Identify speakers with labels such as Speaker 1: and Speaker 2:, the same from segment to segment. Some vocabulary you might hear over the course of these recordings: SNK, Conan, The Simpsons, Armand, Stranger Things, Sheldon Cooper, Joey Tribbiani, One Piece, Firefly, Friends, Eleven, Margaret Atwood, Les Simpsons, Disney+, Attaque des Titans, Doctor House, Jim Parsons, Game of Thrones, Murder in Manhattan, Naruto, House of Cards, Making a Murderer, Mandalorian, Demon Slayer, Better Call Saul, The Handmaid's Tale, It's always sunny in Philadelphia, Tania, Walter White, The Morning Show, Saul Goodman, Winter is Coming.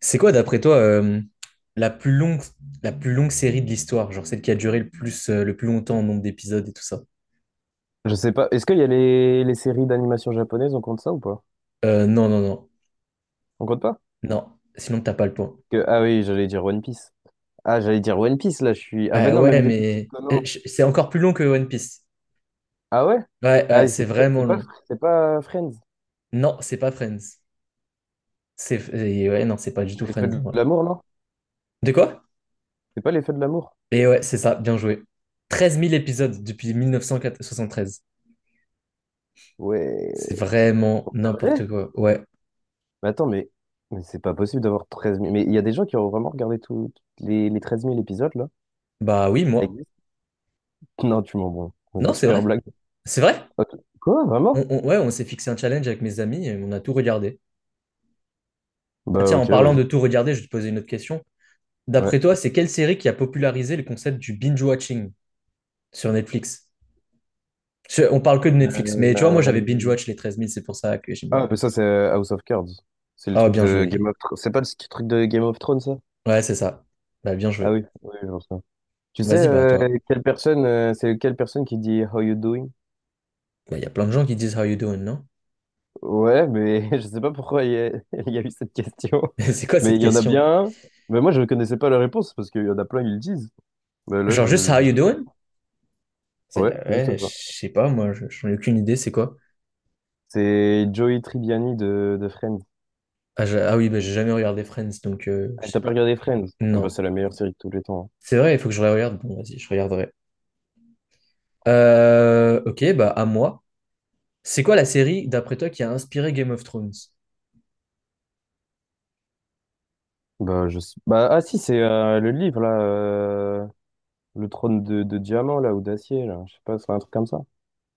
Speaker 1: C'est quoi, d'après toi, la plus longue, la plus longue série de l'histoire? Genre celle qui a duré le plus longtemps en nombre d'épisodes et tout ça.
Speaker 2: Je sais pas. Est-ce qu'il y a les séries d'animation japonaises, on compte ça ou pas?
Speaker 1: Non, non, non.
Speaker 2: On compte pas?
Speaker 1: Non. Sinon, t'as pas le point.
Speaker 2: Ah oui, j'allais dire One Piece. Ah, j'allais dire One Piece, là, je suis. Ah
Speaker 1: Bah
Speaker 2: ben non, même
Speaker 1: ouais,
Speaker 2: des petits
Speaker 1: mais
Speaker 2: Conan.
Speaker 1: c'est encore plus long que One Piece.
Speaker 2: Ah ouais?
Speaker 1: Ouais, ouais,
Speaker 2: Ah,
Speaker 1: c'est vraiment
Speaker 2: C'est pas,
Speaker 1: long.
Speaker 2: c'est pas Friends.
Speaker 1: Non, c'est pas Friends. C'est... et Ouais, non, c'est pas du tout
Speaker 2: Les feux
Speaker 1: Friends en
Speaker 2: de
Speaker 1: vrai.
Speaker 2: l'amour, non?
Speaker 1: De quoi?
Speaker 2: C'est pas les feux de l'amour?
Speaker 1: Et ouais, c'est ça, bien joué. 13 000 épisodes depuis 1973.
Speaker 2: Ouais.
Speaker 1: C'est vraiment
Speaker 2: Pour de vrai?
Speaker 1: n'importe quoi. Ouais.
Speaker 2: Mais attends, mais c'est pas possible d'avoir 13 000. Mais il y a des gens qui ont vraiment regardé tous les 13 000 épisodes, là.
Speaker 1: Bah oui,
Speaker 2: Ça
Speaker 1: moi.
Speaker 2: existe. Non, tu m'en bon.
Speaker 1: Non,
Speaker 2: C'est
Speaker 1: c'est
Speaker 2: super
Speaker 1: vrai.
Speaker 2: blague.
Speaker 1: C'est vrai?
Speaker 2: Ok. Quoi, vraiment?
Speaker 1: Ouais, on s'est fixé un challenge avec mes amis et on a tout regardé. Bah
Speaker 2: Bah
Speaker 1: tiens, en
Speaker 2: ok,
Speaker 1: parlant
Speaker 2: vas-y.
Speaker 1: de tout regarder, je vais te poser une autre question.
Speaker 2: Ouais.
Speaker 1: D'après toi, c'est quelle série qui a popularisé le concept du binge-watching sur Netflix? On parle que de Netflix, mais tu vois, moi j'avais
Speaker 2: Euh,
Speaker 1: binge-watch les 13 000, c'est pour ça que j'ai mis en
Speaker 2: Ah,
Speaker 1: ligne.
Speaker 2: mais ça c'est House of Cards. C'est le
Speaker 1: Ah,
Speaker 2: truc
Speaker 1: bien
Speaker 2: de
Speaker 1: joué.
Speaker 2: Game of Thrones. C'est pas truc de Game of Thrones, ça?
Speaker 1: Ouais, c'est ça. Bah, bien
Speaker 2: Ah
Speaker 1: joué.
Speaker 2: oui, oui, je vois ça. Tu sais,
Speaker 1: Vas-y, bah toi.
Speaker 2: c'est quelle personne qui dit How you doing?
Speaker 1: Bah, il y a plein de gens qui disent How you doing, non?
Speaker 2: Ouais, mais je sais pas pourquoi il y a eu cette question.
Speaker 1: Mais c'est quoi
Speaker 2: Mais
Speaker 1: cette
Speaker 2: il y en a
Speaker 1: question?
Speaker 2: bien un. Mais moi, je ne connaissais pas la réponse parce qu'il y en a plein ils le disent. Mais là,
Speaker 1: Genre juste
Speaker 2: je,
Speaker 1: How
Speaker 2: je
Speaker 1: you
Speaker 2: sais pas.
Speaker 1: doing? Ça y
Speaker 2: Ouais,
Speaker 1: est,
Speaker 2: juste
Speaker 1: ouais, je
Speaker 2: ça.
Speaker 1: sais pas, moi, j'en ai aucune idée, c'est quoi?
Speaker 2: C'est Joey Tribbiani de Friends.
Speaker 1: Ah, ah oui, bah, j'ai jamais regardé Friends, donc
Speaker 2: Ah,
Speaker 1: je
Speaker 2: t'as
Speaker 1: sais
Speaker 2: pas
Speaker 1: pas.
Speaker 2: regardé Friends? Ah bah, c'est
Speaker 1: Non.
Speaker 2: la meilleure série de tous les temps, hein.
Speaker 1: C'est vrai, il faut que je regarde. Bon, vas-y, je regarderai. Ok, bah à moi. C'est quoi la série, d'après toi, qui a inspiré Game of Thrones?
Speaker 2: Bah, bah, ah si, c'est le livre, là. Le trône de diamant, là, ou d'acier, là. Je sais pas, c'est un truc comme ça.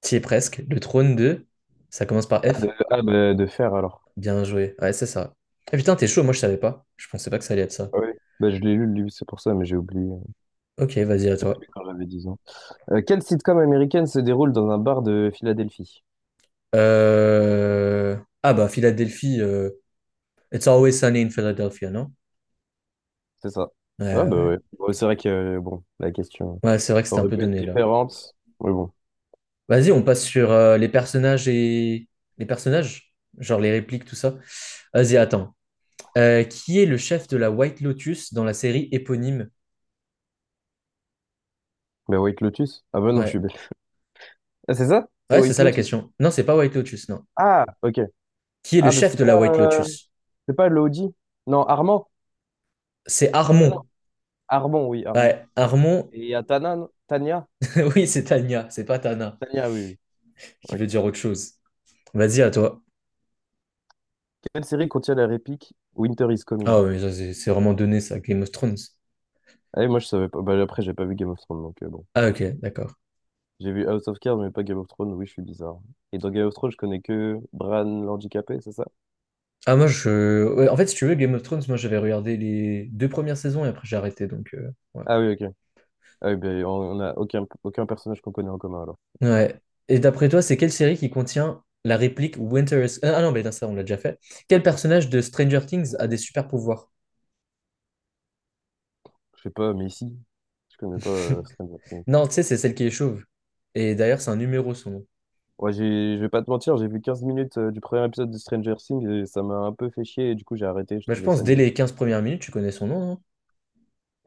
Speaker 1: T'y es presque. Le trône de... Ça commence par
Speaker 2: Ah, de,
Speaker 1: F.
Speaker 2: ah, bah, de fer, alors.
Speaker 1: Bien joué. Ouais, c'est ça. Ah, putain, t'es chaud, moi je savais pas. Je pensais pas que ça allait être ça.
Speaker 2: Ah oui. Bah, je l'ai lu, le livre, c'est pour ça, mais j'ai oublié.
Speaker 1: Ok, vas-y, à
Speaker 2: J'ai
Speaker 1: toi.
Speaker 2: oublié quand j'avais 10 ans. Quelle sitcom américaine se déroule dans un bar de Philadelphie?
Speaker 1: Euh, Ah bah, Philadelphie. It's always sunny in Philadelphia, non?
Speaker 2: C'est ça.
Speaker 1: Ouais,
Speaker 2: Ah
Speaker 1: ouais.
Speaker 2: bah
Speaker 1: Ouais,
Speaker 2: ouais. Bon, c'est vrai que, bon, la question
Speaker 1: Ouais, c'est vrai que c'était un
Speaker 2: aurait
Speaker 1: peu
Speaker 2: pu être
Speaker 1: donné là.
Speaker 2: différente. Mais bon.
Speaker 1: Vas-y, on passe sur les personnages et... Les personnages? Genre les répliques, tout ça. Vas-y, attends. Qui est le chef de la White Lotus dans la série éponyme?
Speaker 2: Bah, White Lotus? Ah bah non, je
Speaker 1: Ouais.
Speaker 2: suis bête. Ah, c'est ça? C'est
Speaker 1: Ouais, c'est
Speaker 2: White
Speaker 1: ça la
Speaker 2: Lotus?
Speaker 1: question. Non, c'est pas White Lotus, non.
Speaker 2: Ah, ok.
Speaker 1: Qui est le
Speaker 2: Ah, bah
Speaker 1: chef
Speaker 2: c'est
Speaker 1: de la
Speaker 2: pas...
Speaker 1: White Lotus?
Speaker 2: C'est pas Lodi? Non, Armand?
Speaker 1: C'est
Speaker 2: Ah non,
Speaker 1: Armon.
Speaker 2: Armand, oui, Armand.
Speaker 1: Ouais, Armon.
Speaker 2: Et il y a Tania?
Speaker 1: Oui, c'est Tanya, c'est pas Tana,
Speaker 2: Tania, oui, oui.
Speaker 1: qui
Speaker 2: Ouais.
Speaker 1: veut dire autre chose. Vas-y, à toi.
Speaker 2: Quelle série contient la réplique Winter is Coming?
Speaker 1: Ah, ouais, mais ça, c'est vraiment donné, ça, Game of Thrones.
Speaker 2: Ah oui, moi, je savais pas. Bah, après, j'ai pas vu Game of Thrones, donc bon.
Speaker 1: Ah, ok, d'accord.
Speaker 2: J'ai vu House of Cards, mais pas Game of Thrones. Oui, je suis bizarre. Et dans Game of Thrones, je connais que Bran l'handicapé, c'est ça?
Speaker 1: Ah, moi, je. Ouais, en fait, si tu veux, Game of Thrones, moi, j'avais regardé les deux premières saisons et après, j'ai arrêté, donc, ouais.
Speaker 2: Ah oui, ok. Ah oui, ben, on a aucun personnage qu'on connaît en commun, alors.
Speaker 1: Ouais. Et d'après toi, c'est quelle série qui contient la réplique Winter is... Ah ah non, mais non, ça, on l'a déjà fait. Quel personnage de Stranger Things a des super pouvoirs?
Speaker 2: Je sais pas, mais si. Je connais pas Stranger Things.
Speaker 1: Non, tu sais, c'est celle qui est chauve. Et d'ailleurs, c'est un numéro, son nom.
Speaker 2: Ouais, je vais pas te mentir, j'ai vu 15 minutes du premier épisode de Stranger Things et ça m'a un peu fait chier et du coup j'ai arrêté, je
Speaker 1: Bah, je
Speaker 2: trouvais
Speaker 1: pense,
Speaker 2: ça
Speaker 1: dès
Speaker 2: nul.
Speaker 1: les 15 premières minutes, tu connais son nom, non?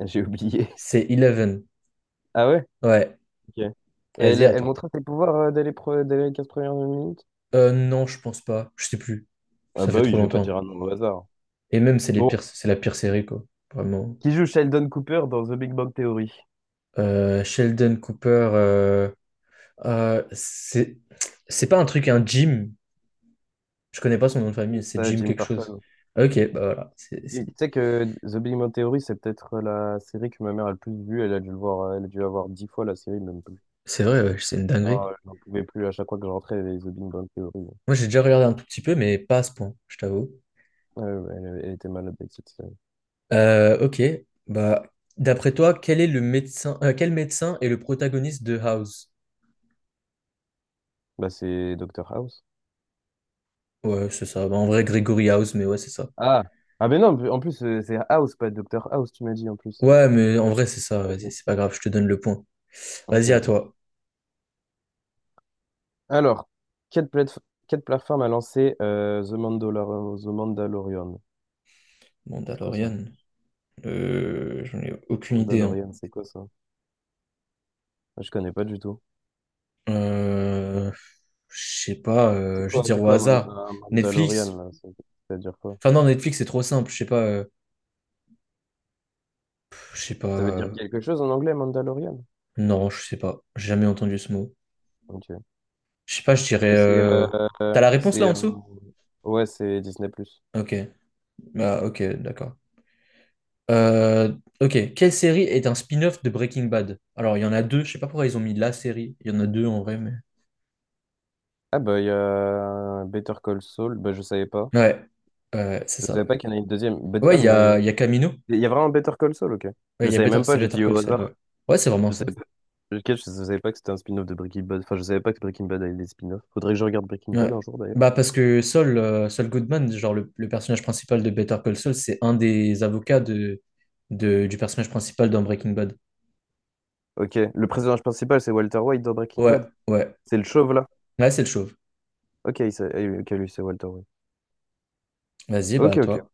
Speaker 2: J'ai oublié.
Speaker 1: C'est Eleven.
Speaker 2: Ah ouais?
Speaker 1: Ouais.
Speaker 2: Ok. Et elle,
Speaker 1: Vas-y, à
Speaker 2: elle
Speaker 1: toi.
Speaker 2: montrait ses pouvoirs dès les 15 premières minutes?
Speaker 1: Non, je pense pas. Je sais plus.
Speaker 2: Ah
Speaker 1: Ça fait
Speaker 2: bah oui,
Speaker 1: trop
Speaker 2: je vais pas dire
Speaker 1: longtemps.
Speaker 2: un nom au hasard.
Speaker 1: Et même,
Speaker 2: Bon,
Speaker 1: c'est la pire série, quoi. Vraiment.
Speaker 2: qui joue Sheldon Cooper dans The Big Bang Theory?
Speaker 1: Sheldon Cooper... euh, c'est... C'est pas un truc, un gym. Je connais pas son nom de
Speaker 2: Oui.
Speaker 1: famille, c'est
Speaker 2: Ah,
Speaker 1: Jim
Speaker 2: Jim
Speaker 1: quelque chose.
Speaker 2: Parsons.
Speaker 1: Ah, Ok, bah voilà. C'est c'est-
Speaker 2: Tu sais que The Big Bang Theory, c'est peut-être la série que ma mère a le plus vue. Elle a dû le voir, elle a dû avoir 10 fois la série, même plus.
Speaker 1: c'est vrai, ouais, c'est une
Speaker 2: Ah,
Speaker 1: dinguerie.
Speaker 2: je n'en pouvais plus à chaque fois que je rentrais, elle The Big Bang Theory.
Speaker 1: Moi, j'ai déjà regardé un tout petit peu, mais pas à ce point, je t'avoue.
Speaker 2: Ouais, ouais, elle était malade avec cette série.
Speaker 1: Ok, bah, d'après toi, quel médecin est le protagoniste de House?
Speaker 2: Bah, c'est Doctor House.
Speaker 1: Ouais, c'est ça. Bah, en vrai, Gregory House, mais ouais, c'est ça.
Speaker 2: Ah! Ah, mais non, en plus, c'est House, pas Doctor House, tu m'as dit en plus.
Speaker 1: Ouais, mais en vrai, c'est ça.
Speaker 2: Ah,
Speaker 1: Vas-y, c'est
Speaker 2: ok,
Speaker 1: pas grave, je te donne le point.
Speaker 2: ok.
Speaker 1: Vas-y, à
Speaker 2: Ok.
Speaker 1: toi.
Speaker 2: Alors, quelle, plate- quelle plateforme a lancé The Mandalorian? C'est quoi ça?
Speaker 1: Mandalorian. J'en ai aucune idée, hein.
Speaker 2: Mandalorian, c'est quoi ça? Ah, je connais pas du tout.
Speaker 1: Euh, je sais pas,
Speaker 2: C'est
Speaker 1: je vais
Speaker 2: quoi,
Speaker 1: dire
Speaker 2: c'est
Speaker 1: au
Speaker 2: quoi
Speaker 1: hasard.
Speaker 2: un
Speaker 1: Netflix?
Speaker 2: Mandalorian là? Ça veut dire quoi?
Speaker 1: Enfin non, Netflix, c'est trop simple. Je sais pas. Je sais pas.
Speaker 2: Ça veut dire quelque chose en anglais, Mandalorian?
Speaker 1: Non, je sais pas. J'ai jamais entendu ce mot.
Speaker 2: Ok.
Speaker 1: Je sais pas, je dirais.
Speaker 2: Bah,
Speaker 1: T'as la réponse là
Speaker 2: c'est
Speaker 1: en dessous?
Speaker 2: ouais, c'est Disney+.
Speaker 1: Ok, bah ok, d'accord. Euh, ok. Quelle série est un spin-off de Breaking Bad? Alors, il y en a deux. Je sais pas pourquoi ils ont mis la série. Il y en a deux en vrai, mais.
Speaker 2: Ah bah il y a Better Call Saul, bah je savais pas.
Speaker 1: Ouais. Ouais, c'est
Speaker 2: Je savais
Speaker 1: ça.
Speaker 2: pas qu'il y en a une deuxième.
Speaker 1: Ouais,
Speaker 2: Ah
Speaker 1: il y a,
Speaker 2: mais
Speaker 1: il y a Camino.
Speaker 2: il y a vraiment Better Call Saul, ok.
Speaker 1: Ouais,
Speaker 2: Je
Speaker 1: il y a
Speaker 2: savais
Speaker 1: Better...
Speaker 2: même pas,
Speaker 1: c'est
Speaker 2: j'ai
Speaker 1: Better
Speaker 2: dit au
Speaker 1: Call Saul,
Speaker 2: hasard.
Speaker 1: ouais. Ouais, c'est vraiment
Speaker 2: Je
Speaker 1: ça.
Speaker 2: savais pas, lequel, je savais pas que c'était un spin-off de Breaking Bad. Enfin, je savais pas que Breaking Bad avait des spin-offs. Faudrait que je regarde Breaking Bad
Speaker 1: Ouais.
Speaker 2: un jour d'ailleurs.
Speaker 1: Bah parce que Saul Goodman, genre le personnage principal de Better Call Saul, c'est un des avocats du personnage principal dans Breaking Bad.
Speaker 2: Ok, le personnage principal c'est Walter White dans Breaking
Speaker 1: Ouais,
Speaker 2: Bad.
Speaker 1: ouais.
Speaker 2: C'est le chauve là.
Speaker 1: Ouais, c'est le chauve.
Speaker 2: Ok, ok, lui c'est Walter White.
Speaker 1: Vas-y,
Speaker 2: Ok,
Speaker 1: bah
Speaker 2: ok.
Speaker 1: toi.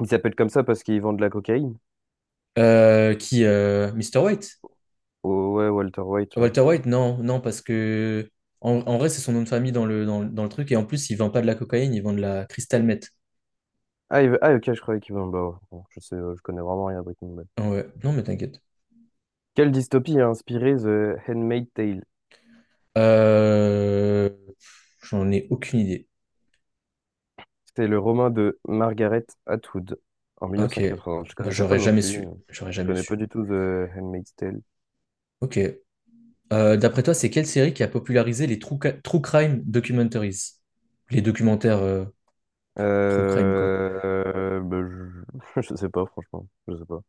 Speaker 2: Il s'appelle comme ça parce qu'il vend de la cocaïne.
Speaker 1: Qui Mr. White?
Speaker 2: Oh, ouais, Walter White là.
Speaker 1: Walter White? Non, non, parce que en vrai, c'est son nom de famille dans le truc. Et en plus, il vend pas de la cocaïne, il vend de la crystal meth.
Speaker 2: Ah, ah, ok, je croyais qu'il vend. Bah, ouais, bon, je sais, je connais vraiment rien à Breaking Bad.
Speaker 1: Ouais, non, mais t'inquiète.
Speaker 2: Quelle dystopie a inspiré The Handmaid's Tale?
Speaker 1: Euh, J'en ai aucune idée.
Speaker 2: C'est le roman de Margaret Atwood en
Speaker 1: Ok.
Speaker 2: 1980. Je
Speaker 1: Bah,
Speaker 2: connaissais pas
Speaker 1: j'aurais
Speaker 2: non
Speaker 1: jamais
Speaker 2: plus.
Speaker 1: su. J'aurais
Speaker 2: Je
Speaker 1: jamais
Speaker 2: connais
Speaker 1: su.
Speaker 2: pas du tout The Handmaid's Tale.
Speaker 1: Ok. D'après toi, c'est quelle série qui a popularisé les true crime documentaries? Les documentaires true crime, quoi.
Speaker 2: Bah, je... je sais pas, franchement. Je sais pas.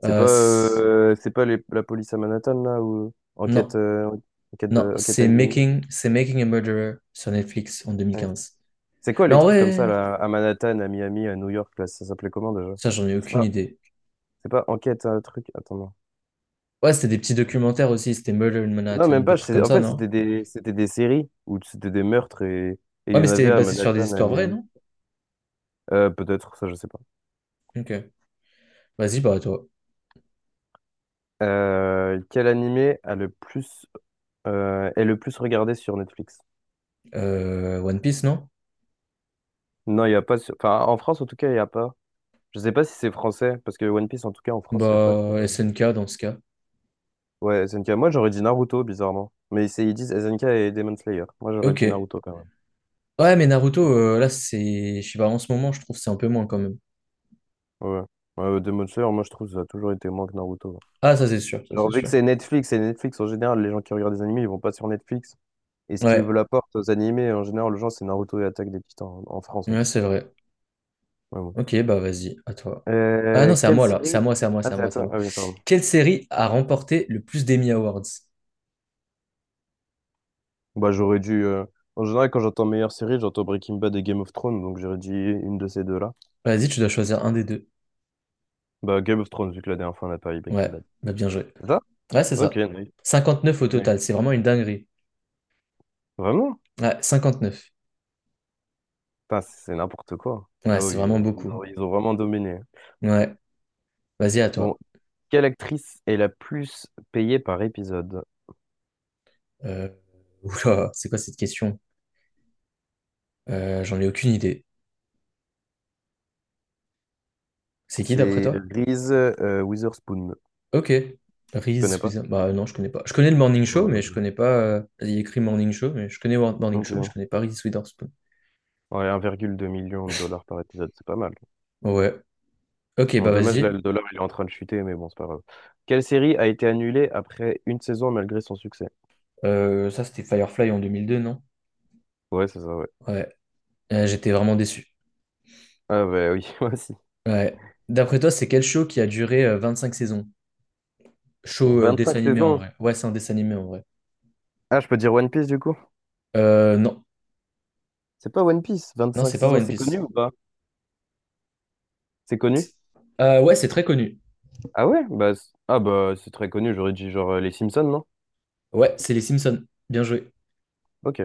Speaker 1: Euh, c'est-
Speaker 2: C'est pas la police à Manhattan, là, ou enquête,
Speaker 1: non, non,
Speaker 2: enquête à
Speaker 1: c'est
Speaker 2: Miami.
Speaker 1: Making, c'est Making a Murderer sur Netflix en deux mille
Speaker 2: Ouais.
Speaker 1: quinze.
Speaker 2: C'est quoi
Speaker 1: Mais
Speaker 2: les
Speaker 1: en
Speaker 2: trucs comme ça,
Speaker 1: vrai,
Speaker 2: là, à Manhattan, à Miami, à New York, là, ça s'appelait comment déjà?
Speaker 1: ça, j'en ai
Speaker 2: C'est
Speaker 1: aucune
Speaker 2: pas,
Speaker 1: idée.
Speaker 2: c'est pas enquête, un truc. Attends, non.
Speaker 1: Ouais, c'était des petits documentaires aussi, c'était Murder in
Speaker 2: Non,
Speaker 1: Manhattan,
Speaker 2: même pas.
Speaker 1: des trucs comme
Speaker 2: En
Speaker 1: ça,
Speaker 2: fait,
Speaker 1: non?
Speaker 2: c'était des séries où c'était des meurtres et il
Speaker 1: Ouais,
Speaker 2: y
Speaker 1: mais
Speaker 2: en
Speaker 1: c'était
Speaker 2: avait à
Speaker 1: basé sur des
Speaker 2: Manhattan, à
Speaker 1: histoires vraies,
Speaker 2: Miami.
Speaker 1: non?
Speaker 2: Peut-être, ça, je sais pas.
Speaker 1: Ok. Vas-y, bah, toi.
Speaker 2: Quel animé a est le plus regardé sur Netflix?
Speaker 1: One Piece, non?
Speaker 2: Non, il n'y a pas. Enfin, en France, en tout cas, il n'y a pas. Je sais pas si c'est français, parce que One Piece, en tout cas, en France, il n'y a pas sur.
Speaker 1: Bah, SNK dans ce cas.
Speaker 2: Ouais, SNK. Moi, j'aurais dit Naruto, bizarrement. Ils disent SNK et Demon Slayer. Moi, j'aurais dit
Speaker 1: Ok.
Speaker 2: Naruto quand même.
Speaker 1: Ouais, mais Naruto,
Speaker 2: Mais bon.
Speaker 1: là, c'est. Je sais pas, en ce moment, je trouve que c'est un peu moins quand même.
Speaker 2: Ouais. Ouais, Demon Slayer, moi, je trouve que ça a toujours été moins que Naruto.
Speaker 1: Ah, ça c'est sûr, ça c'est
Speaker 2: Genre, vu que
Speaker 1: sûr.
Speaker 2: c'est Netflix, et Netflix, en général, les gens qui regardent des animés, ils vont pas sur Netflix. Et ce qui veut
Speaker 1: Ouais,
Speaker 2: la porte aux animés, en général, les gens, c'est Naruto et Attaque des Titans, en France, en
Speaker 1: ouais,
Speaker 2: tout cas.
Speaker 1: c'est vrai.
Speaker 2: Ouais, ouais.
Speaker 1: Ok, bah vas-y, à toi. Ah non, c'est à
Speaker 2: Quelle
Speaker 1: moi là. C'est à
Speaker 2: série?
Speaker 1: moi, c'est à moi,
Speaker 2: Ah,
Speaker 1: c'est à
Speaker 2: c'est à
Speaker 1: moi, c'est à
Speaker 2: toi.
Speaker 1: moi.
Speaker 2: Ah oui, pardon.
Speaker 1: Quelle série a remporté le plus d'Emmy Awards?
Speaker 2: Bah, j'aurais dû. En général, quand j'entends meilleure série, j'entends Breaking Bad et Game of Thrones, donc j'aurais dit une de ces deux-là.
Speaker 1: Vas-y, tu dois choisir un des deux.
Speaker 2: Bah, Game of Thrones, vu que la dernière fois on a pas eu Breaking
Speaker 1: Ouais,
Speaker 2: Bad.
Speaker 1: bah bien joué.
Speaker 2: C'est ça?
Speaker 1: Ouais, c'est
Speaker 2: Ok,
Speaker 1: ça.
Speaker 2: nice,
Speaker 1: 59 au
Speaker 2: nice.
Speaker 1: total, c'est vraiment une dinguerie.
Speaker 2: Vraiment?
Speaker 1: Ouais, 59.
Speaker 2: Putain, c'est n'importe quoi.
Speaker 1: Ouais,
Speaker 2: Ah
Speaker 1: c'est
Speaker 2: oui, oui,
Speaker 1: vraiment
Speaker 2: oui. ils
Speaker 1: beaucoup.
Speaker 2: ont, ils ont vraiment dominé.
Speaker 1: Ouais, vas-y, à
Speaker 2: Bon,
Speaker 1: toi.
Speaker 2: quelle actrice est la plus payée par épisode?
Speaker 1: Euh... Oula, c'est quoi cette question? J'en ai aucune idée. C'est qui d'après
Speaker 2: C'est
Speaker 1: toi?
Speaker 2: Reese Witherspoon. Tu
Speaker 1: Ok.
Speaker 2: connais
Speaker 1: Reese
Speaker 2: pas?
Speaker 1: Witherspoon. Bah non, je connais pas. Je connais le Morning
Speaker 2: Non,
Speaker 1: Show,
Speaker 2: moi non
Speaker 1: mais je
Speaker 2: plus.
Speaker 1: connais pas. Il y a écrit Morning Show, mais je connais Morning Show, mais je
Speaker 2: Ok.
Speaker 1: connais pas Reese Witherspoon.
Speaker 2: Ouais, 1,2 million de dollars par épisode, c'est pas mal.
Speaker 1: Ouais. Ok,
Speaker 2: Bon,
Speaker 1: bah
Speaker 2: dommage, là,
Speaker 1: vas-y.
Speaker 2: le dollar, il est en train de chuter, mais bon, c'est pas grave. Quelle série a été annulée après une saison malgré son succès?
Speaker 1: Ça, c'était Firefly en 2002, non?
Speaker 2: Ouais, c'est ça, ouais.
Speaker 1: Ouais. J'étais vraiment déçu.
Speaker 2: Ah, bah oui, moi aussi.
Speaker 1: Ouais. D'après toi, c'est quel show qui a duré cinq saisons? Show
Speaker 2: Donc,
Speaker 1: dessin
Speaker 2: 25
Speaker 1: animé en
Speaker 2: saisons.
Speaker 1: vrai. Ouais, c'est un dessin animé en vrai.
Speaker 2: Ah, je peux dire One Piece, du coup?
Speaker 1: Non.
Speaker 2: C'est pas One Piece,
Speaker 1: Non,
Speaker 2: 25
Speaker 1: c'est pas
Speaker 2: saisons,
Speaker 1: One
Speaker 2: c'est connu
Speaker 1: Piece.
Speaker 2: ou pas? C'est connu?
Speaker 1: Ouais, c'est très connu.
Speaker 2: Ah ouais? Bah, ah bah, c'est très connu, j'aurais dit genre les Simpsons, non?
Speaker 1: Ouais, c'est les Simpsons. Bien joué.
Speaker 2: Ok.